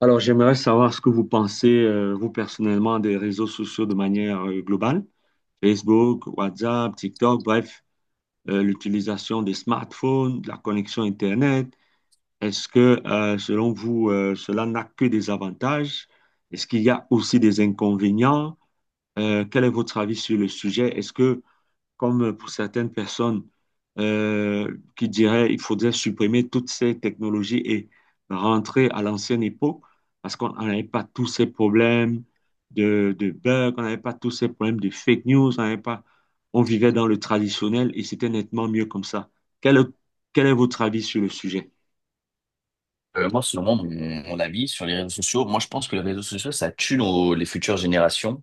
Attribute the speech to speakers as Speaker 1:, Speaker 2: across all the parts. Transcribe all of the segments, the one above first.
Speaker 1: Alors, j'aimerais savoir ce que vous pensez, vous personnellement, des réseaux sociaux de manière globale. Facebook, WhatsApp, TikTok, bref, l'utilisation des smartphones, de la connexion Internet. Est-ce que, selon vous, cela n'a que des avantages? Est-ce qu'il y a aussi des inconvénients? Quel est votre avis sur le sujet? Est-ce que comme pour certaines personnes qui diraient il faudrait supprimer toutes ces technologies et rentrer à l'ancienne époque parce qu'on on n'avait pas tous ces problèmes de bugs, on n'avait pas tous ces problèmes de fake news, on n'avait pas, on vivait dans le traditionnel et c'était nettement mieux comme ça. Quel, est- quel est votre avis sur le sujet?
Speaker 2: Moi, selon moi, mon avis sur les réseaux sociaux, moi, je pense que les réseaux sociaux, ça tue les futures générations,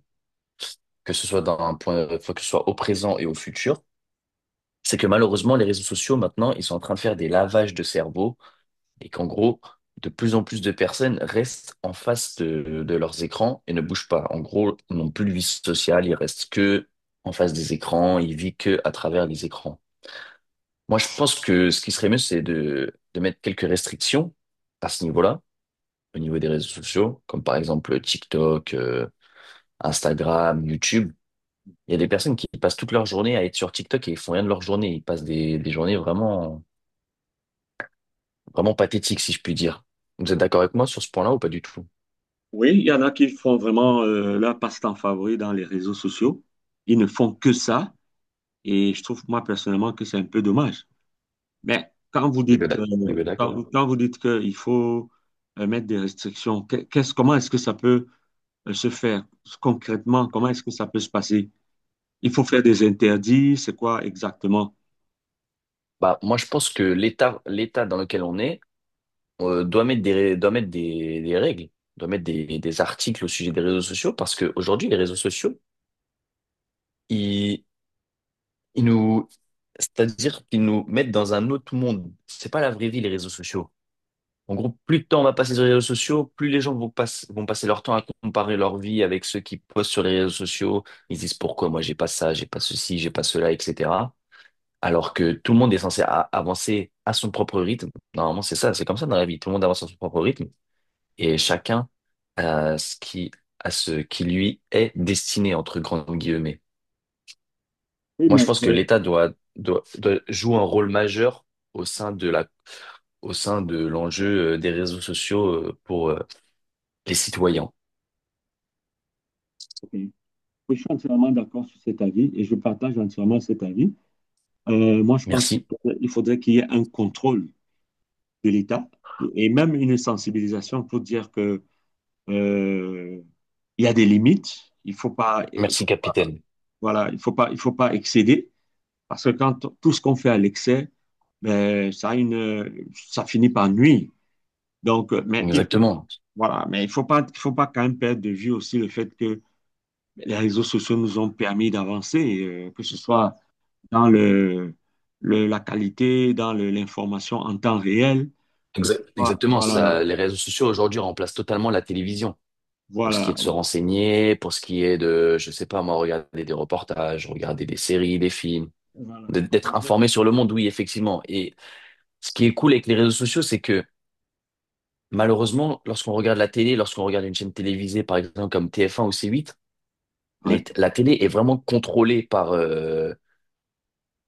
Speaker 2: que ce soit enfin, que ce soit au présent et au futur. C'est que malheureusement, les réseaux sociaux, maintenant, ils sont en train de faire des lavages de cerveau et qu'en gros, de plus en plus de personnes restent en face de leurs écrans et ne bougent pas. En gros, ils n'ont plus de vie sociale, ils restent que en face des écrans, ils vivent que à travers les écrans. Moi, je pense que ce qui serait mieux, c'est de mettre quelques restrictions à ce niveau-là au niveau des réseaux sociaux, comme par exemple TikTok, Instagram, YouTube. Il y a des personnes qui passent toute leur journée à être sur TikTok et ils font rien de leur journée. Ils passent des journées vraiment, vraiment pathétiques, si je puis dire. Vous êtes d'accord avec moi sur ce point-là ou pas du tout?
Speaker 1: Oui, il y en a qui font vraiment leur passe-temps favori dans les réseaux sociaux. Ils ne font que ça. Et je trouve, moi, personnellement, que c'est un peu dommage. Mais quand vous
Speaker 2: Les est bien
Speaker 1: dites,
Speaker 2: d'ac- on bien d'accord.
Speaker 1: quand vous dites qu'il faut mettre des restrictions, qu'est-ce, comment est-ce que ça peut se faire concrètement? Comment est-ce que ça peut se passer? Il faut faire des interdits, c'est quoi exactement?
Speaker 2: Bah, moi, je pense que l'État dans lequel on est, doit mettre des règles, doit mettre des articles au sujet des réseaux sociaux parce qu'aujourd'hui, les réseaux sociaux, ils, ils nous, c'est-à-dire qu'ils nous mettent dans un autre monde. C'est pas la vraie vie, les réseaux sociaux. En gros, plus de temps on va passer sur les réseaux sociaux, plus les gens vont passer leur temps à comparer leur vie avec ceux qui postent sur les réseaux sociaux. Ils disent pourquoi moi j'ai pas ça, j'ai pas ceci, j'ai pas cela, etc. Alors que tout le monde est censé avancer à son propre rythme. Normalement, c'est ça, c'est comme ça dans la vie. Tout le monde avance à son propre rythme et chacun à ce qui, à ce qui lui est destiné, entre grandes guillemets.
Speaker 1: Oui,
Speaker 2: Moi, je
Speaker 1: mais
Speaker 2: pense que
Speaker 1: oui,
Speaker 2: l'État doit jouer un rôle majeur au sein de la, au sein de l'enjeu des réseaux sociaux pour, les citoyens.
Speaker 1: ok. Oui, je suis entièrement d'accord sur cet avis et je partage entièrement cet avis. Moi, je pense qu'il
Speaker 2: Merci.
Speaker 1: faudrait, il faudrait qu'il y ait un contrôle de l'État et même une sensibilisation pour dire que euh, il y a des limites, il
Speaker 2: Merci,
Speaker 1: faut pas
Speaker 2: capitaine.
Speaker 1: voilà, il faut pas excéder parce que quand tout ce qu'on fait à l'excès, ben, ça finit par nuire. Donc, mais
Speaker 2: Exactement.
Speaker 1: voilà, mais il faut pas quand même perdre de vue aussi le fait que les réseaux sociaux nous ont permis d'avancer, que ce soit dans la qualité, dans l'information en temps réel, que
Speaker 2: Exa-
Speaker 1: ce soit,
Speaker 2: exactement.
Speaker 1: voilà,
Speaker 2: Ça, les réseaux sociaux aujourd'hui remplacent totalement la télévision pour ce qui
Speaker 1: voilà,
Speaker 2: est de se renseigner, pour ce qui est de, je sais pas moi, regarder des reportages, regarder des séries, des films,
Speaker 1: voilà.
Speaker 2: d'être informé sur le monde, oui, effectivement. Et ce qui est cool avec les réseaux sociaux, c'est que malheureusement, lorsqu'on regarde la télé, lorsqu'on regarde une chaîne télévisée, par exemple comme TF1 ou C8,
Speaker 1: Ouais,
Speaker 2: la télé est vraiment contrôlée.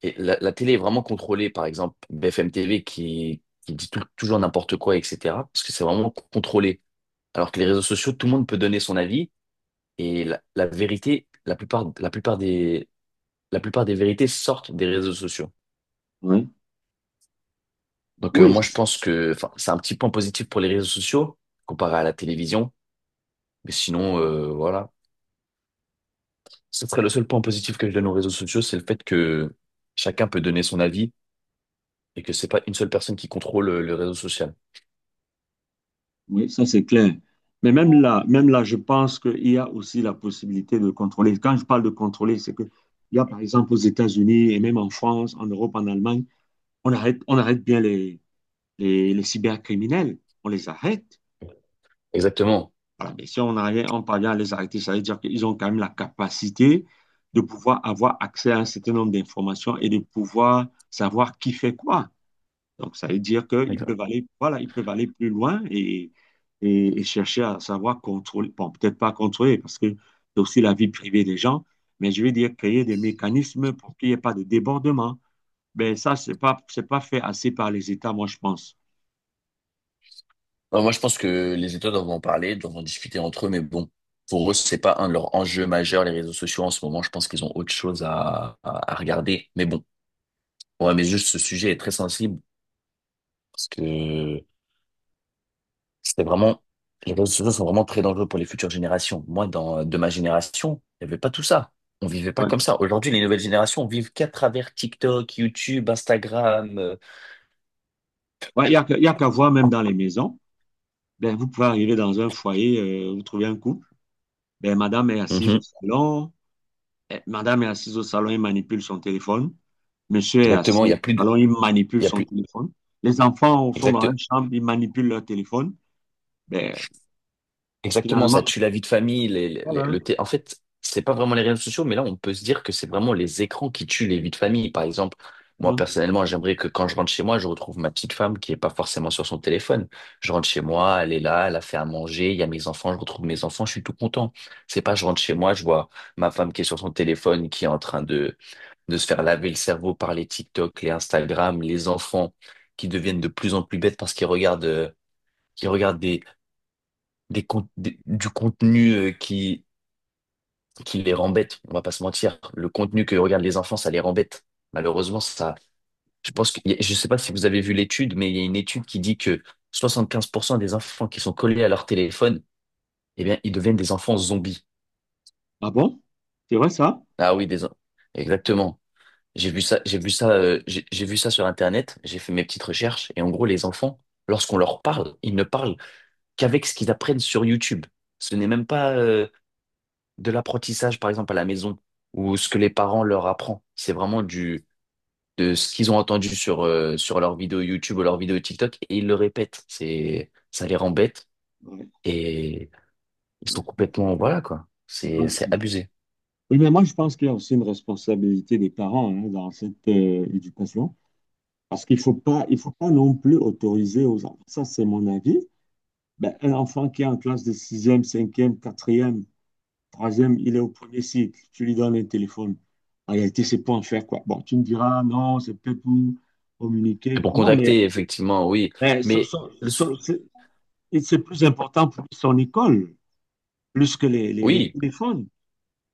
Speaker 2: Et la télé est vraiment contrôlée, par exemple, BFM TV qui dit toujours n'importe quoi, etc. Parce que c'est vraiment contrôlé. Alors que les réseaux sociaux, tout le monde peut donner son avis et la vérité, la plupart des vérités sortent des réseaux sociaux.
Speaker 1: ouais.
Speaker 2: Donc
Speaker 1: Oui,
Speaker 2: moi, je pense que, enfin, c'est un petit point positif pour les réseaux sociaux comparé à la télévision. Mais sinon, voilà. Ce serait le seul point positif que je donne aux réseaux sociaux, c'est le fait que chacun peut donner son avis et que c'est pas une seule personne qui contrôle le réseau social.
Speaker 1: oui, ça c'est clair. Mais même là, je pense qu'il y a aussi la possibilité de contrôler. Quand je parle de contrôler, c'est que il y a par exemple aux États-Unis et même en France, en Europe, en Allemagne, on arrête bien les cybercriminels. On les arrête.
Speaker 2: Exactement.
Speaker 1: Voilà. Mais si on arrive, on parvient à les arrêter, ça veut dire qu'ils ont quand même la capacité de pouvoir avoir accès à un certain nombre d'informations et de pouvoir savoir qui fait quoi. Donc, ça veut dire qu'ils peuvent aller, voilà, ils peuvent aller plus loin et chercher à savoir contrôler, bon, peut-être pas contrôler parce que c'est aussi la vie privée des gens, mais je veux dire créer des mécanismes pour qu'il n'y ait pas de débordement. Ben, ça, c'est pas fait assez par les États, moi, je pense.
Speaker 2: Non, moi, je pense que les États doivent en parler, doivent en discuter entre eux, mais bon, pour eux, c'est pas un de leurs enjeux majeurs, les réseaux sociaux en ce moment. Je pense qu'ils ont autre chose à regarder. Mais bon, ouais, mais juste ce sujet est très sensible parce que c'était vraiment, les réseaux sociaux sont vraiment très dangereux pour les futures générations. Moi, de ma génération, il n'y avait pas tout ça. On vivait pas
Speaker 1: Ouais.
Speaker 2: comme ça. Aujourd'hui, les nouvelles générations vivent qu'à travers TikTok, YouTube, Instagram.
Speaker 1: Ouais, il y a qu'à voir même dans les maisons. Ben, vous pouvez arriver dans un foyer, vous trouvez un couple. Ben, madame est assise au
Speaker 2: Mhm.
Speaker 1: salon. Eh, madame est assise au salon et manipule son téléphone. Monsieur est
Speaker 2: Exactement, il
Speaker 1: assis
Speaker 2: y a plus de,
Speaker 1: alors il manipule
Speaker 2: Il y a
Speaker 1: son
Speaker 2: plus,
Speaker 1: téléphone. Les enfants sont dans
Speaker 2: exact,
Speaker 1: la chambre, ils manipulent leur téléphone. Ben,
Speaker 2: Exactement, ça
Speaker 1: finalement,
Speaker 2: tue la vie de famille, les, les- les-
Speaker 1: voilà.
Speaker 2: le thé- En fait, c'est pas vraiment les réseaux sociaux, mais là, on peut se dire que c'est vraiment les écrans qui tuent les vies de famille. Par exemple, moi,
Speaker 1: Hein.
Speaker 2: personnellement, j'aimerais que quand je rentre chez moi, je retrouve ma petite femme qui est pas forcément sur son téléphone. Je rentre chez moi, elle est là, elle a fait à manger, il y a mes enfants, je retrouve mes enfants, je suis tout content. C'est pas je rentre chez moi, je vois ma femme qui est sur son téléphone, qui est en train de se faire laver le cerveau par les TikTok, les Instagram, les enfants qui deviennent de plus en plus bêtes parce qu'ils regardent du contenu qui les rend bêtes, on va pas se mentir. Le contenu que regardent les enfants, ça les rend bêtes. Malheureusement, ça, je pense que, je sais pas si vous avez vu l'étude, mais il y a une étude qui dit que 75% des enfants qui sont collés à leur téléphone, eh bien, ils deviennent des enfants zombies.
Speaker 1: Ah bon? C'est vrai ça?
Speaker 2: Ah oui, exactement. J'ai vu ça, j'ai vu ça, j'ai vu ça sur Internet, j'ai fait mes petites recherches, et en gros, les enfants, lorsqu'on leur parle, ils ne parlent qu'avec ce qu'ils apprennent sur YouTube. Ce n'est même pas, de l'apprentissage, par exemple, à la maison, ou ce que les parents leur apprennent. C'est vraiment de ce qu'ils ont entendu sur leurs vidéos YouTube ou leurs vidéos TikTok, et ils le répètent. Ça les rend bêtes,
Speaker 1: Ouais,
Speaker 2: et ils sont
Speaker 1: ouais.
Speaker 2: complètement, voilà, quoi.
Speaker 1: C'est
Speaker 2: C'est,
Speaker 1: grand.
Speaker 2: c'est abusé.
Speaker 1: Oui, mais moi, je pense qu'il y a aussi une responsabilité des parents hein, dans cette éducation, parce qu'il faut pas, il faut pas non plus autoriser aux enfants. Ça, c'est mon avis. Ben, un enfant qui est en classe de sixième, cinquième, quatrième. Troisième, il est au premier cycle. Tu lui donnes un téléphone. En réalité, c'est pour en faire quoi? Bon, tu me diras, non, c'est peut-être pour communiquer.
Speaker 2: Et pour
Speaker 1: Non,
Speaker 2: contacter, effectivement, oui.
Speaker 1: mais
Speaker 2: Mais,
Speaker 1: c'est et c'est plus important pour lui, son école, plus que les
Speaker 2: oui,
Speaker 1: téléphones.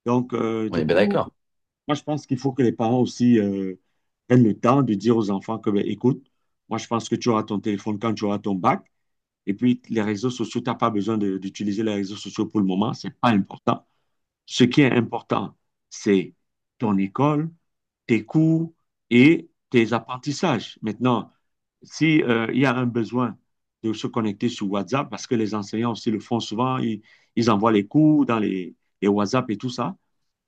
Speaker 1: Donc,
Speaker 2: on
Speaker 1: du
Speaker 2: est bien
Speaker 1: coup,
Speaker 2: d'accord.
Speaker 1: moi, je pense qu'il faut que les parents aussi prennent le temps de dire aux enfants que, ben, écoute, moi, je pense que tu auras ton téléphone quand tu auras ton bac. Et puis, les réseaux sociaux, tu n'as pas besoin d'utiliser les réseaux sociaux pour le moment, c'est pas important. Ce qui est important, c'est ton école, tes cours et tes apprentissages. Maintenant, si, il y a un besoin de se connecter sur WhatsApp, parce que les enseignants aussi le font souvent, ils envoient les cours dans les WhatsApp et tout ça.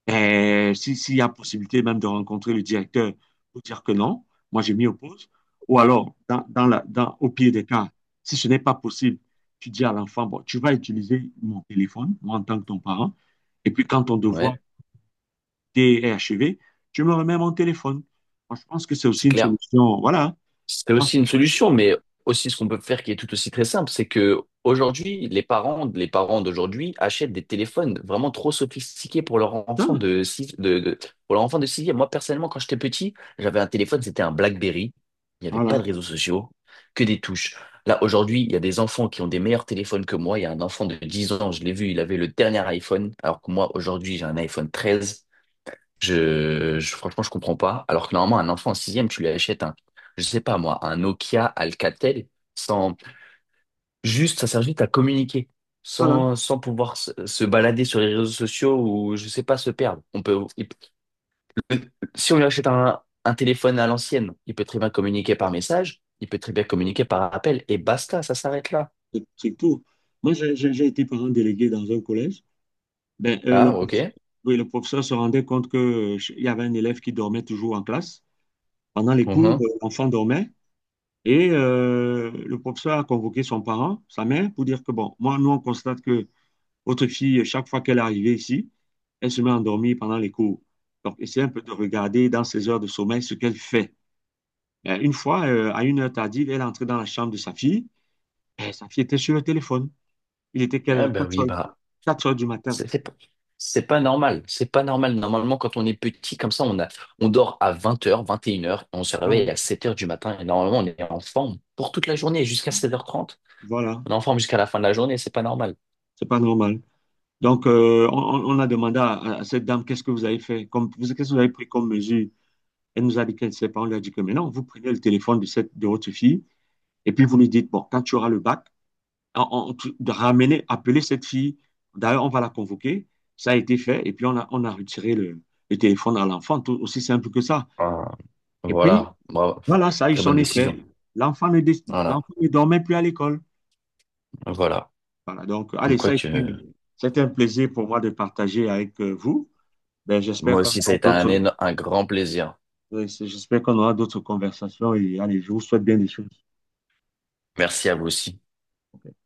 Speaker 1: Et si, s'il y a possibilité même de rencontrer le directeur pour dire que non, moi je m'y oppose. Ou alors, au pire des cas, si ce n'est pas possible, tu dis à l'enfant, bon, tu vas utiliser mon téléphone, moi en tant que ton parent, et puis quand ton devoir
Speaker 2: Ouais,
Speaker 1: est achevé, tu me remets mon téléphone. Moi, je pense que c'est
Speaker 2: c'est
Speaker 1: aussi une
Speaker 2: clair.
Speaker 1: solution. Voilà.
Speaker 2: C'est
Speaker 1: Ah,
Speaker 2: aussi une solution, mais aussi ce qu'on peut faire qui est tout aussi très simple, c'est que aujourd'hui, les parents d'aujourd'hui achètent des téléphones vraiment trop sophistiqués
Speaker 1: putain,
Speaker 2: pour leur enfant de sixième. Moi, personnellement, quand j'étais petit, j'avais un téléphone, c'était un BlackBerry. Il n'y avait
Speaker 1: voilà,
Speaker 2: pas de réseaux sociaux, que des touches. Là, aujourd'hui, il y a des enfants qui ont des meilleurs téléphones que moi. Il y a un enfant de 10 ans, je l'ai vu, il avait le dernier iPhone, alors que moi, aujourd'hui, j'ai un iPhone 13. Franchement, je comprends pas. Alors que normalement, un enfant en sixième, tu lui achètes un, je sais pas moi, un Nokia Alcatel, sans, juste, ça sert juste à communiquer,
Speaker 1: voilà,
Speaker 2: sans pouvoir se balader sur les réseaux sociaux ou, je sais pas, se perdre. Si on lui achète un téléphone à l'ancienne, il peut très bien communiquer par message, il peut très bien communiquer par appel, et basta, ça s'arrête là.
Speaker 1: c'est tout. Moi, j'ai été parent délégué dans un collège. Ben,
Speaker 2: Ah,
Speaker 1: le professeur,
Speaker 2: ok.
Speaker 1: oui, le professeur se rendait compte que, il y avait un élève qui dormait toujours en classe. Pendant les cours,
Speaker 2: Mhm.
Speaker 1: l'enfant dormait et le professeur a convoqué son parent, sa mère, pour dire que, bon, moi, nous, on constate que votre fille, chaque fois qu'elle est arrivée ici, elle se met à endormir pendant les cours. Donc, essayez un peu de regarder dans ses heures de sommeil ce qu'elle fait. Ben, une fois, à une heure tardive, elle est entrée dans la chambre de sa fille et sa fille était sur le téléphone. Il était quelle
Speaker 2: Ah,
Speaker 1: heure?
Speaker 2: bah
Speaker 1: 4
Speaker 2: oui,
Speaker 1: heures,
Speaker 2: bah.
Speaker 1: quatre heures du matin.
Speaker 2: C'est c'est pas c'est pas normal. C'est pas normal. Normalement, quand on est petit, comme ça, on dort à 20 heures, 21 heures, on se
Speaker 1: Voilà.
Speaker 2: réveille à 7 heures du matin. Et normalement, on est en forme pour toute la journée, jusqu'à 7 heures trente.
Speaker 1: Voilà.
Speaker 2: On est en forme jusqu'à la fin de la journée, c'est pas normal.
Speaker 1: C'est pas normal. Donc, on a demandé à cette dame, qu'est-ce que vous avez fait, comme, qu'est-ce que vous avez pris comme mesure? Elle nous a dit qu'elle ne sait pas. On lui a dit que maintenant, vous prenez le téléphone de votre fille et puis vous lui dites, bon, quand tu auras le bac, de ramener, appeler cette fille. D'ailleurs, on va la convoquer. Ça a été fait et puis on a retiré le téléphone à l'enfant, tout aussi simple que ça.
Speaker 2: Ah,
Speaker 1: Et puis,
Speaker 2: voilà. Bravo.
Speaker 1: voilà, ça a eu
Speaker 2: Très
Speaker 1: son
Speaker 2: bonne
Speaker 1: effet.
Speaker 2: décision. Voilà.
Speaker 1: L'enfant ne dormait plus à l'école.
Speaker 2: Voilà.
Speaker 1: Voilà, donc, allez,
Speaker 2: Comme
Speaker 1: ça
Speaker 2: quoi
Speaker 1: a
Speaker 2: que
Speaker 1: été, c'était un plaisir pour moi de partager avec vous. Ben, j'espère
Speaker 2: moi
Speaker 1: qu'on
Speaker 2: aussi, ça
Speaker 1: aura
Speaker 2: a été
Speaker 1: d'autres,
Speaker 2: un grand plaisir.
Speaker 1: oui, j'espère qu'on aura d'autres conversations et allez, je vous souhaite bien des choses.
Speaker 2: Merci à vous aussi.
Speaker 1: Ok?